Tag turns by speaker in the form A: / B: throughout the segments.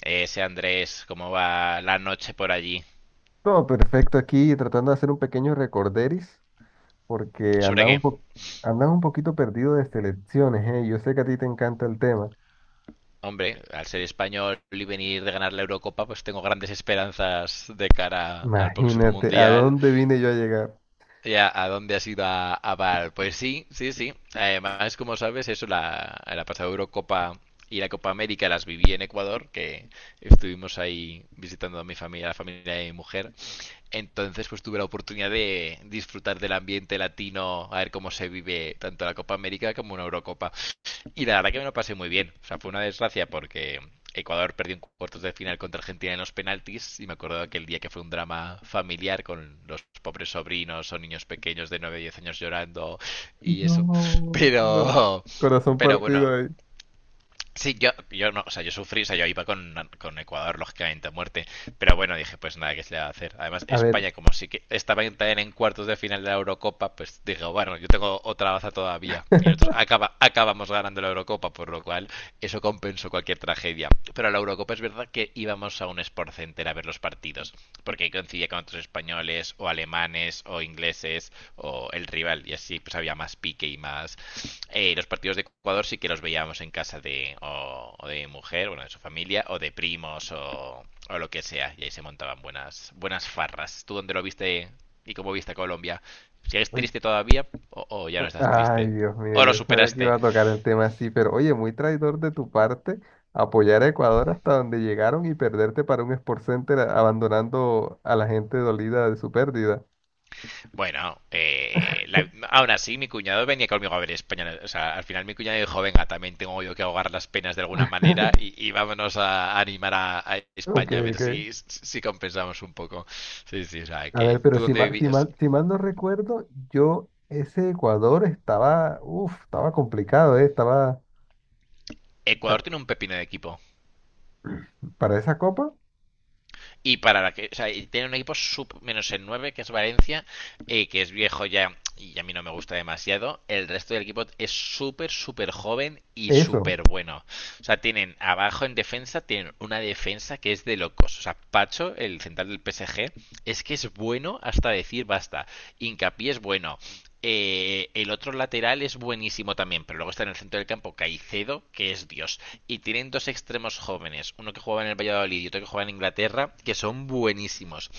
A: Ese Andrés, ¿cómo va la noche por allí?
B: Todo perfecto aquí, tratando de hacer un pequeño recorderis, porque
A: ¿Sobre qué?
B: andaba un poquito perdido de selecciones, ¿eh? Yo sé que a ti te encanta el tema.
A: Hombre, al ser español y venir de ganar la Eurocopa, pues tengo grandes esperanzas de cara al próximo
B: Imagínate, ¿a
A: Mundial.
B: dónde vine yo a llegar?
A: Ya, ¿a dónde has ido a Val? Pues sí, sí, sí. Además, como sabes, eso, la pasada Eurocopa y la Copa América las viví en Ecuador, que estuvimos ahí visitando a mi familia, a la familia de mi mujer. Entonces, pues tuve la oportunidad de disfrutar del ambiente latino, a ver cómo se vive tanto la Copa América como una Eurocopa. Y la verdad que me lo pasé muy bien. O sea, fue una desgracia porque Ecuador perdió en cuartos de final contra Argentina en los penaltis y me acuerdo de aquel día que fue un drama familiar con los pobres sobrinos o niños pequeños de 9 o 10 años llorando y eso.
B: No,
A: Pero,
B: corazón
A: pero
B: partido
A: bueno.
B: ahí.
A: Sí, yo no, o sea, yo sufrí, o sea, yo iba con Ecuador, lógicamente, a muerte. Pero bueno, dije, pues nada, ¿qué se le va a hacer? Además,
B: A ver.
A: España, como sí que también en cuartos de final de la Eurocopa, pues dije, bueno, yo tengo otra baza todavía. Y nosotros acabamos ganando la Eurocopa, por lo cual eso compensó cualquier tragedia. Pero a la Eurocopa es verdad que íbamos a un Sport Center a ver los partidos, porque ahí coincidía con otros españoles, o alemanes, o ingleses, o el rival. Y así pues había más pique y más... Los partidos de Ecuador sí que los veíamos en casa de, o de mujer, bueno, de su familia, o de primos, o lo que sea. Y ahí se montaban buenas farras. ¿Tú dónde lo viste y cómo viste a Colombia? ¿Sigues
B: Uy,
A: triste todavía o ya no
B: pues,
A: estás
B: ay,
A: triste?
B: Dios mío,
A: ¿O lo
B: yo sabía que iba
A: superaste?
B: a tocar el tema así, pero oye, muy traidor de tu parte apoyar a Ecuador hasta donde llegaron y perderte para un Sport Center abandonando a la gente dolida de su pérdida.
A: Bueno, aún así mi cuñado venía conmigo a ver España. O sea, al final mi cuñado dijo, venga, también tengo yo que ahogar las penas de alguna manera y vámonos a, animar a
B: Ok,
A: España a ver
B: ok.
A: si, si compensamos un poco. Sí, sí, o sea,
B: A ver,
A: que
B: pero
A: tú dónde vivías...
B: si mal no recuerdo, yo ese Ecuador estaba, uf, estaba complicado, estaba
A: Ecuador
B: ah,
A: tiene un pepino de equipo.
B: para esa copa,
A: Y para la que, o sea, y tiene un equipo sub menos el 9 que es Valencia, que es viejo ya y a mí no me gusta demasiado. El resto del equipo es súper, súper joven y
B: eso.
A: súper bueno. O sea, tienen abajo en defensa, tienen una defensa que es de locos. O sea, Pacho, el central del PSG, es que es bueno hasta decir basta. Hincapié es bueno. El otro lateral es buenísimo también, pero luego está en el centro del campo Caicedo, que es Dios. Y tienen dos extremos jóvenes, uno que juega en el Valladolid y otro que juega en Inglaterra, que son buenísimos.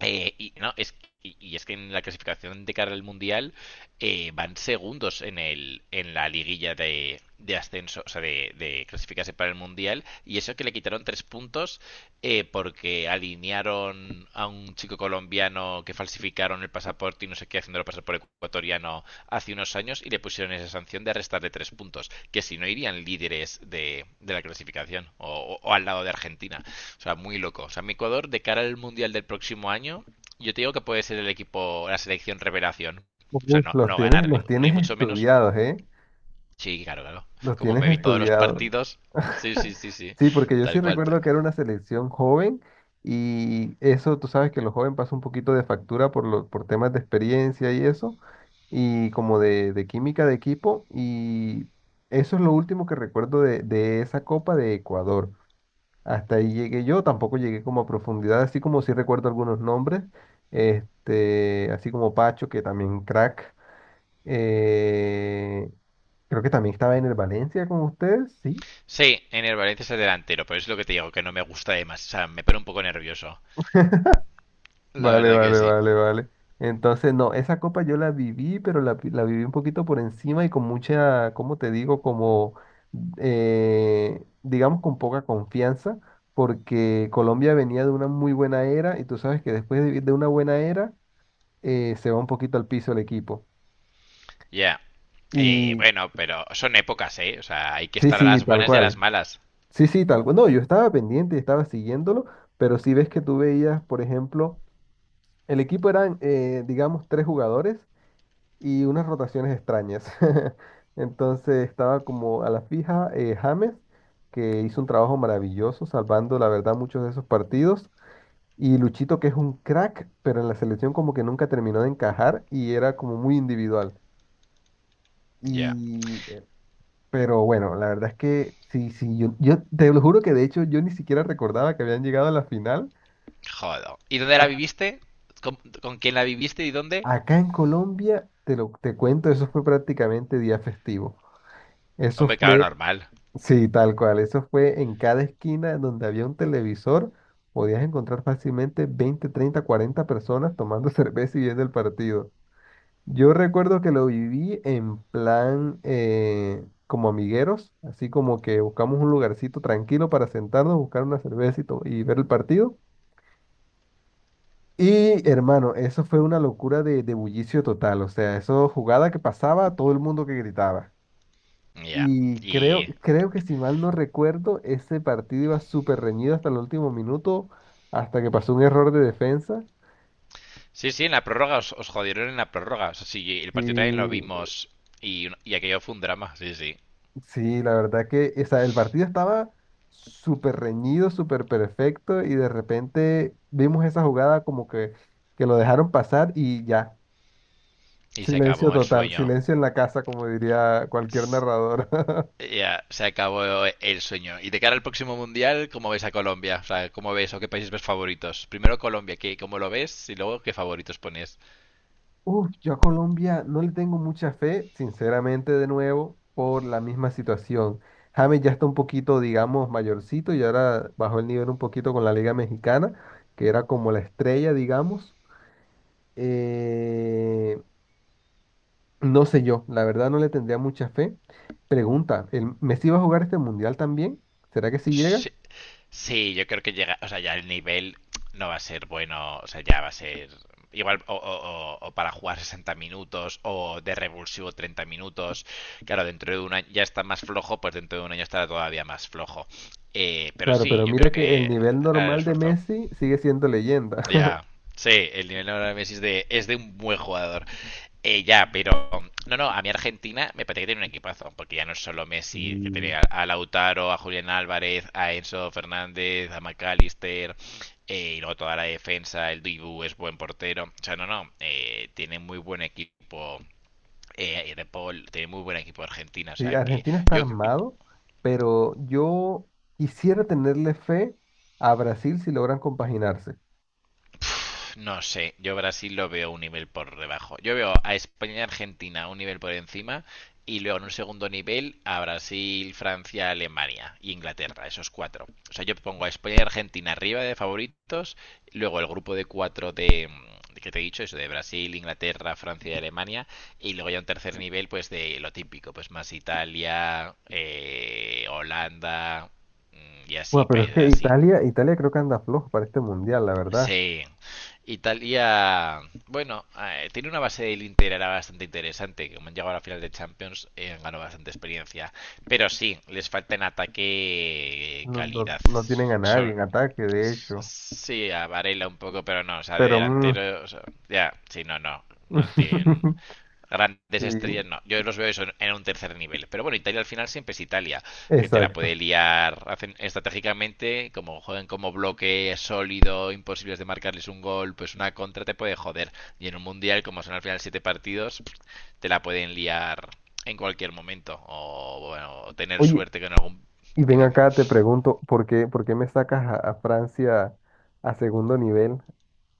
A: Y, no, es, y es que en la clasificación de cara al Mundial van segundos en, el, en la liguilla de ascenso, o sea, de clasificarse para el Mundial. Y eso que le quitaron tres puntos porque alinearon a un chico colombiano que falsificaron el pasaporte y no sé qué, haciéndolo pasar por ecuatoriano hace unos años y le pusieron esa sanción de arrestarle tres puntos, que si no irían líderes de la clasificación o al lado de Argentina. O sea, muy loco. O sea, mi Ecuador, de cara al Mundial del próximo año, yo te digo que puede ser el equipo, la selección revelación. O sea,
B: Uf,
A: no, no ganar, ni,
B: los
A: ni
B: tienes
A: mucho menos.
B: estudiados, ¿eh?
A: Sí, claro, claro.
B: Los
A: Como
B: tienes
A: me vi todos los
B: estudiados.
A: partidos. Sí, sí, sí, sí.
B: Sí, porque yo sí
A: Tal cual.
B: recuerdo que era una selección joven y eso, tú sabes que los jóvenes pasan un poquito de factura por, por temas de experiencia y eso, y como de química de equipo, y eso es lo último que recuerdo de esa Copa de Ecuador. Hasta ahí llegué yo, tampoco llegué como a profundidad, así como sí recuerdo algunos nombres, este, así como Pacho, que también crack, eh, creo que también estaba en el Valencia con ustedes, sí.
A: Sí, en el Valencia es el delantero, pero es lo que te digo, que no me gusta además. O sea, me pone un poco nervioso. La
B: Vale,
A: verdad que
B: vale,
A: sí.
B: vale, vale. Entonces, no, esa copa yo la viví, pero la viví un poquito por encima y con mucha, ¿cómo te digo? Como, digamos, con poca confianza, porque Colombia venía de una muy buena era y tú sabes que después de una buena era, se va un poquito al piso el equipo.
A: Ya.
B: Y
A: Bueno, pero son épocas, ¿eh? O sea, hay que
B: sí,
A: estar a
B: sí,
A: las
B: tal
A: buenas y a las
B: cual.
A: malas.
B: Sí, sí, tal cual. No, yo estaba pendiente y estaba siguiéndolo, pero si ves que tú veías, por ejemplo, el equipo eran, digamos, tres jugadores y unas rotaciones extrañas. Entonces estaba como a la fija, James, que hizo un trabajo maravilloso, salvando, la verdad, muchos de esos partidos. Y Luchito, que es un crack, pero en la selección como que nunca terminó de encajar y era como muy individual.
A: Ya.
B: Y Pero bueno, la verdad es que sí, sí, yo te lo juro que de hecho yo ni siquiera recordaba que habían llegado a la final.
A: Jodo. ¿Y dónde la
B: Ah,
A: viviste? ¿Con quién la viviste y dónde?
B: acá en Colombia, te lo te cuento, eso fue prácticamente día festivo. Eso
A: Hombre, claro,
B: fue,
A: normal.
B: sí, tal cual, eso fue en cada esquina donde había un televisor, podías encontrar fácilmente 20, 30, 40 personas tomando cerveza y viendo el partido. Yo recuerdo que lo viví en plan, como amigueros, así como que buscamos un lugarcito tranquilo para sentarnos, buscar una cerveza y, y ver el partido. Y hermano, eso fue una locura de bullicio total, o sea, eso jugada que pasaba, todo el mundo que gritaba.
A: Ya.
B: Y
A: Y.
B: creo que si mal no recuerdo, ese partido iba súper reñido hasta el último minuto, hasta que pasó un error de defensa.
A: Sí, sí, en la prórroga os jodieron en la prórroga. O sea, sí, el
B: Sí,
A: partido también lo vimos. Y aquello fue un drama, sí, sí.
B: sí, la verdad que, o sea, el partido estaba súper reñido, súper perfecto y de repente vimos esa jugada como que lo dejaron pasar y ya,
A: Y se
B: silencio
A: acabó el
B: total,
A: sueño.
B: silencio en la casa, como diría cualquier narrador.
A: Ya, se acabó el sueño. Y de cara al próximo mundial, ¿cómo ves a Colombia? O sea, ¿cómo ves o qué países ves favoritos? Primero Colombia, ¿qué, cómo lo ves? Y luego, ¿qué favoritos pones?
B: Uf, yo a Colombia no le tengo mucha fe, sinceramente, de nuevo, por la misma situación. James ya está un poquito, digamos, mayorcito y ahora bajó el nivel un poquito con la Liga Mexicana, que era como la estrella, digamos. Eh, No sé yo, la verdad no le tendría mucha fe. Pregunta, ¿el Messi va a jugar este mundial también? ¿Será que sí llega?
A: Sí, sí, yo creo que llega, o sea, ya el nivel no va a ser bueno, o sea, ya va a ser igual o para jugar 60 minutos o de revulsivo 30 minutos. Claro, dentro de un año ya está más flojo, pues dentro de un año estará todavía más flojo. Pero
B: Claro,
A: sí,
B: pero
A: yo creo
B: mira que el
A: que
B: nivel
A: hará el
B: normal de
A: esfuerzo.
B: Messi sigue siendo leyenda.
A: Ya, sí, el nivel de Messi es de un buen jugador. Ya, pero no, no, a mí Argentina me parece que tiene un equipazo, porque ya no es solo Messi, que
B: Y
A: tiene a Lautaro, a Julián Álvarez, a Enzo Fernández, a McAllister, y luego toda la defensa, el Dibu es buen portero. O sea, no, no, tiene muy buen equipo De Paul, tiene muy buen equipo Argentina. O
B: Sí,
A: sea que
B: Argentina está
A: yo,
B: armado, pero yo quisiera tenerle fe a Brasil si logran compaginarse.
A: no sé, yo Brasil lo veo un nivel por debajo. Yo veo a España y Argentina un nivel por encima y luego en un segundo nivel a Brasil, Francia, Alemania e Inglaterra, esos cuatro. O sea, yo pongo a España y Argentina arriba de favoritos, luego el grupo de cuatro de que te he dicho, eso de Brasil, Inglaterra, Francia y Alemania, y luego ya un tercer nivel, pues de lo típico, pues más Italia, Holanda, y así,
B: Bueno, pero es
A: países
B: que
A: así.
B: Italia, Italia creo que anda flojo para este mundial, la verdad.
A: Sí, Italia, bueno, tiene una base del Inter era bastante interesante, que como han llegado a la final de Champions, han ganado bastante experiencia. Pero sí, les falta en ataque
B: No,
A: calidad.
B: no tienen a nadie
A: So-
B: en ataque, de hecho.
A: sí, a Varela un poco, pero no, o sea, de
B: Pero mm,
A: delantero, o sea, ya, sí, no, no, no tienen grandes
B: sí,
A: estrellas, no. Yo los veo eso en, un tercer nivel. Pero bueno, Italia al final siempre es Italia, que te la puede
B: exacto.
A: liar hacen estratégicamente, como juegan como bloque sólido, imposibles de marcarles un gol, pues una contra te puede joder. Y en un mundial, como son al final siete partidos, te la pueden liar en cualquier momento. O bueno, tener
B: Oye,
A: suerte con algún.
B: y ven
A: Dime, dime.
B: acá, te pregunto, por qué me sacas a Francia a segundo nivel?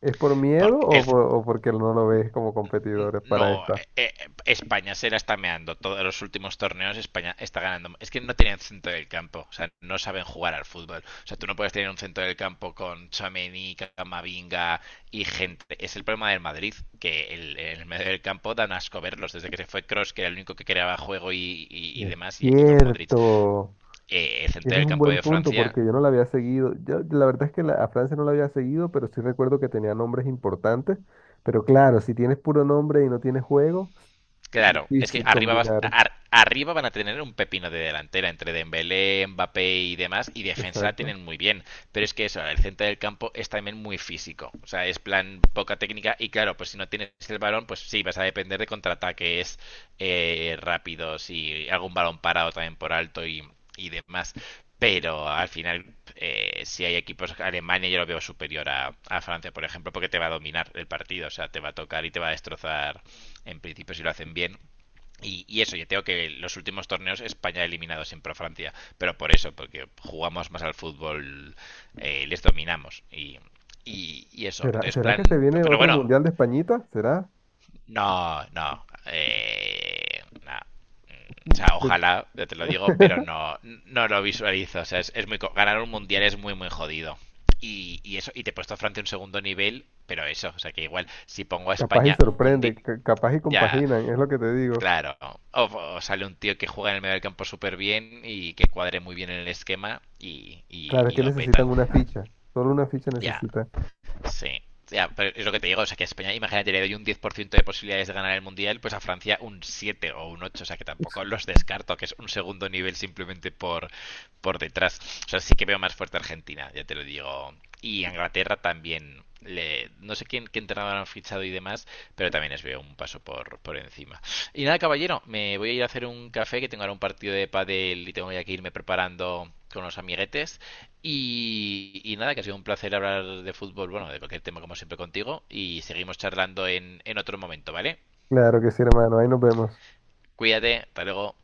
B: ¿Es por miedo
A: Porque
B: o,
A: el,
B: o porque no lo ves como competidores para
A: no,
B: esta?
A: España se la está meando. Todos los últimos torneos España está ganando. Es que no tenían centro del campo, o sea, no saben jugar al fútbol. O sea, tú no puedes tener un centro del campo con Chamení, Camavinga y gente. Es el problema del Madrid, que el, en el medio del campo dan asco verlos. Desde que se fue Cross, que era el único que creaba juego y
B: Es
A: demás, y con Modric.
B: cierto.
A: El centro
B: Tienes
A: del
B: un
A: campo
B: buen
A: de
B: punto
A: Francia.
B: porque yo no la había seguido. Yo, la verdad es que a Francia no la había seguido, pero sí recuerdo que tenía nombres importantes. Pero claro, si tienes puro nombre y no tienes juego,
A: Claro, es que
B: difícil
A: arriba,
B: combinar.
A: arriba van a tener un pepino de delantera entre Dembélé, Mbappé y demás, y defensa la
B: Exacto.
A: tienen muy bien, pero es que eso, el centro del campo es también muy físico, o sea, es plan poca técnica y claro, pues si no tienes el balón, pues sí, vas a depender de contraataques rápidos y algún balón parado también por alto y demás, pero al final si hay equipos, Alemania yo lo veo superior a Francia, por ejemplo, porque te va a dominar el partido, o sea, te va a tocar y te va a destrozar en principio si lo hacen bien. Y eso, yo tengo que los últimos torneos España ha eliminado siempre a Francia, pero por eso, porque jugamos más al fútbol, les dominamos y, eso.
B: ¿Será,
A: Entonces,
B: será
A: plan.
B: que se viene
A: Pero
B: otro
A: bueno,
B: mundial de Españita? ¿Será?
A: no, no. No. O sea, ojalá, ya te lo digo, pero no, no lo visualizo. O sea, es ganar un mundial es muy, muy jodido. Y eso, y te he puesto a Francia un segundo nivel, pero eso, o sea, que igual, si pongo a
B: Capaz y
A: España un día,
B: sorprende, capaz y
A: ya,
B: compaginan, es lo que te digo.
A: claro, o sale un tío que juega en el medio del campo súper bien y que cuadre muy bien en el esquema
B: Claro, es
A: y
B: que
A: lo
B: necesitan
A: petan.
B: una ficha, solo una ficha
A: Ya,
B: necesita.
A: sí. Ya, pero es lo que te digo, o sea, que a España, imagínate, le doy un 10% de posibilidades de ganar el Mundial, pues a Francia un 7 o un 8, o sea, que tampoco los descarto, que es un segundo nivel simplemente por detrás. O sea, sí que veo más fuerte a Argentina, ya te lo digo. Y a Inglaterra también, le, no sé quién, qué entrenador han fichado y demás, pero también les veo un paso por encima. Y nada, caballero, me voy a ir a hacer un café, que tengo ahora un partido de pádel y tengo ya que irme preparando con los amiguetes. Y nada, que ha sido un placer hablar de fútbol, bueno, de cualquier tema como siempre contigo. Y seguimos charlando en otro momento, ¿vale?
B: Claro que sí, hermano, ahí nos vemos.
A: Cuídate, hasta luego.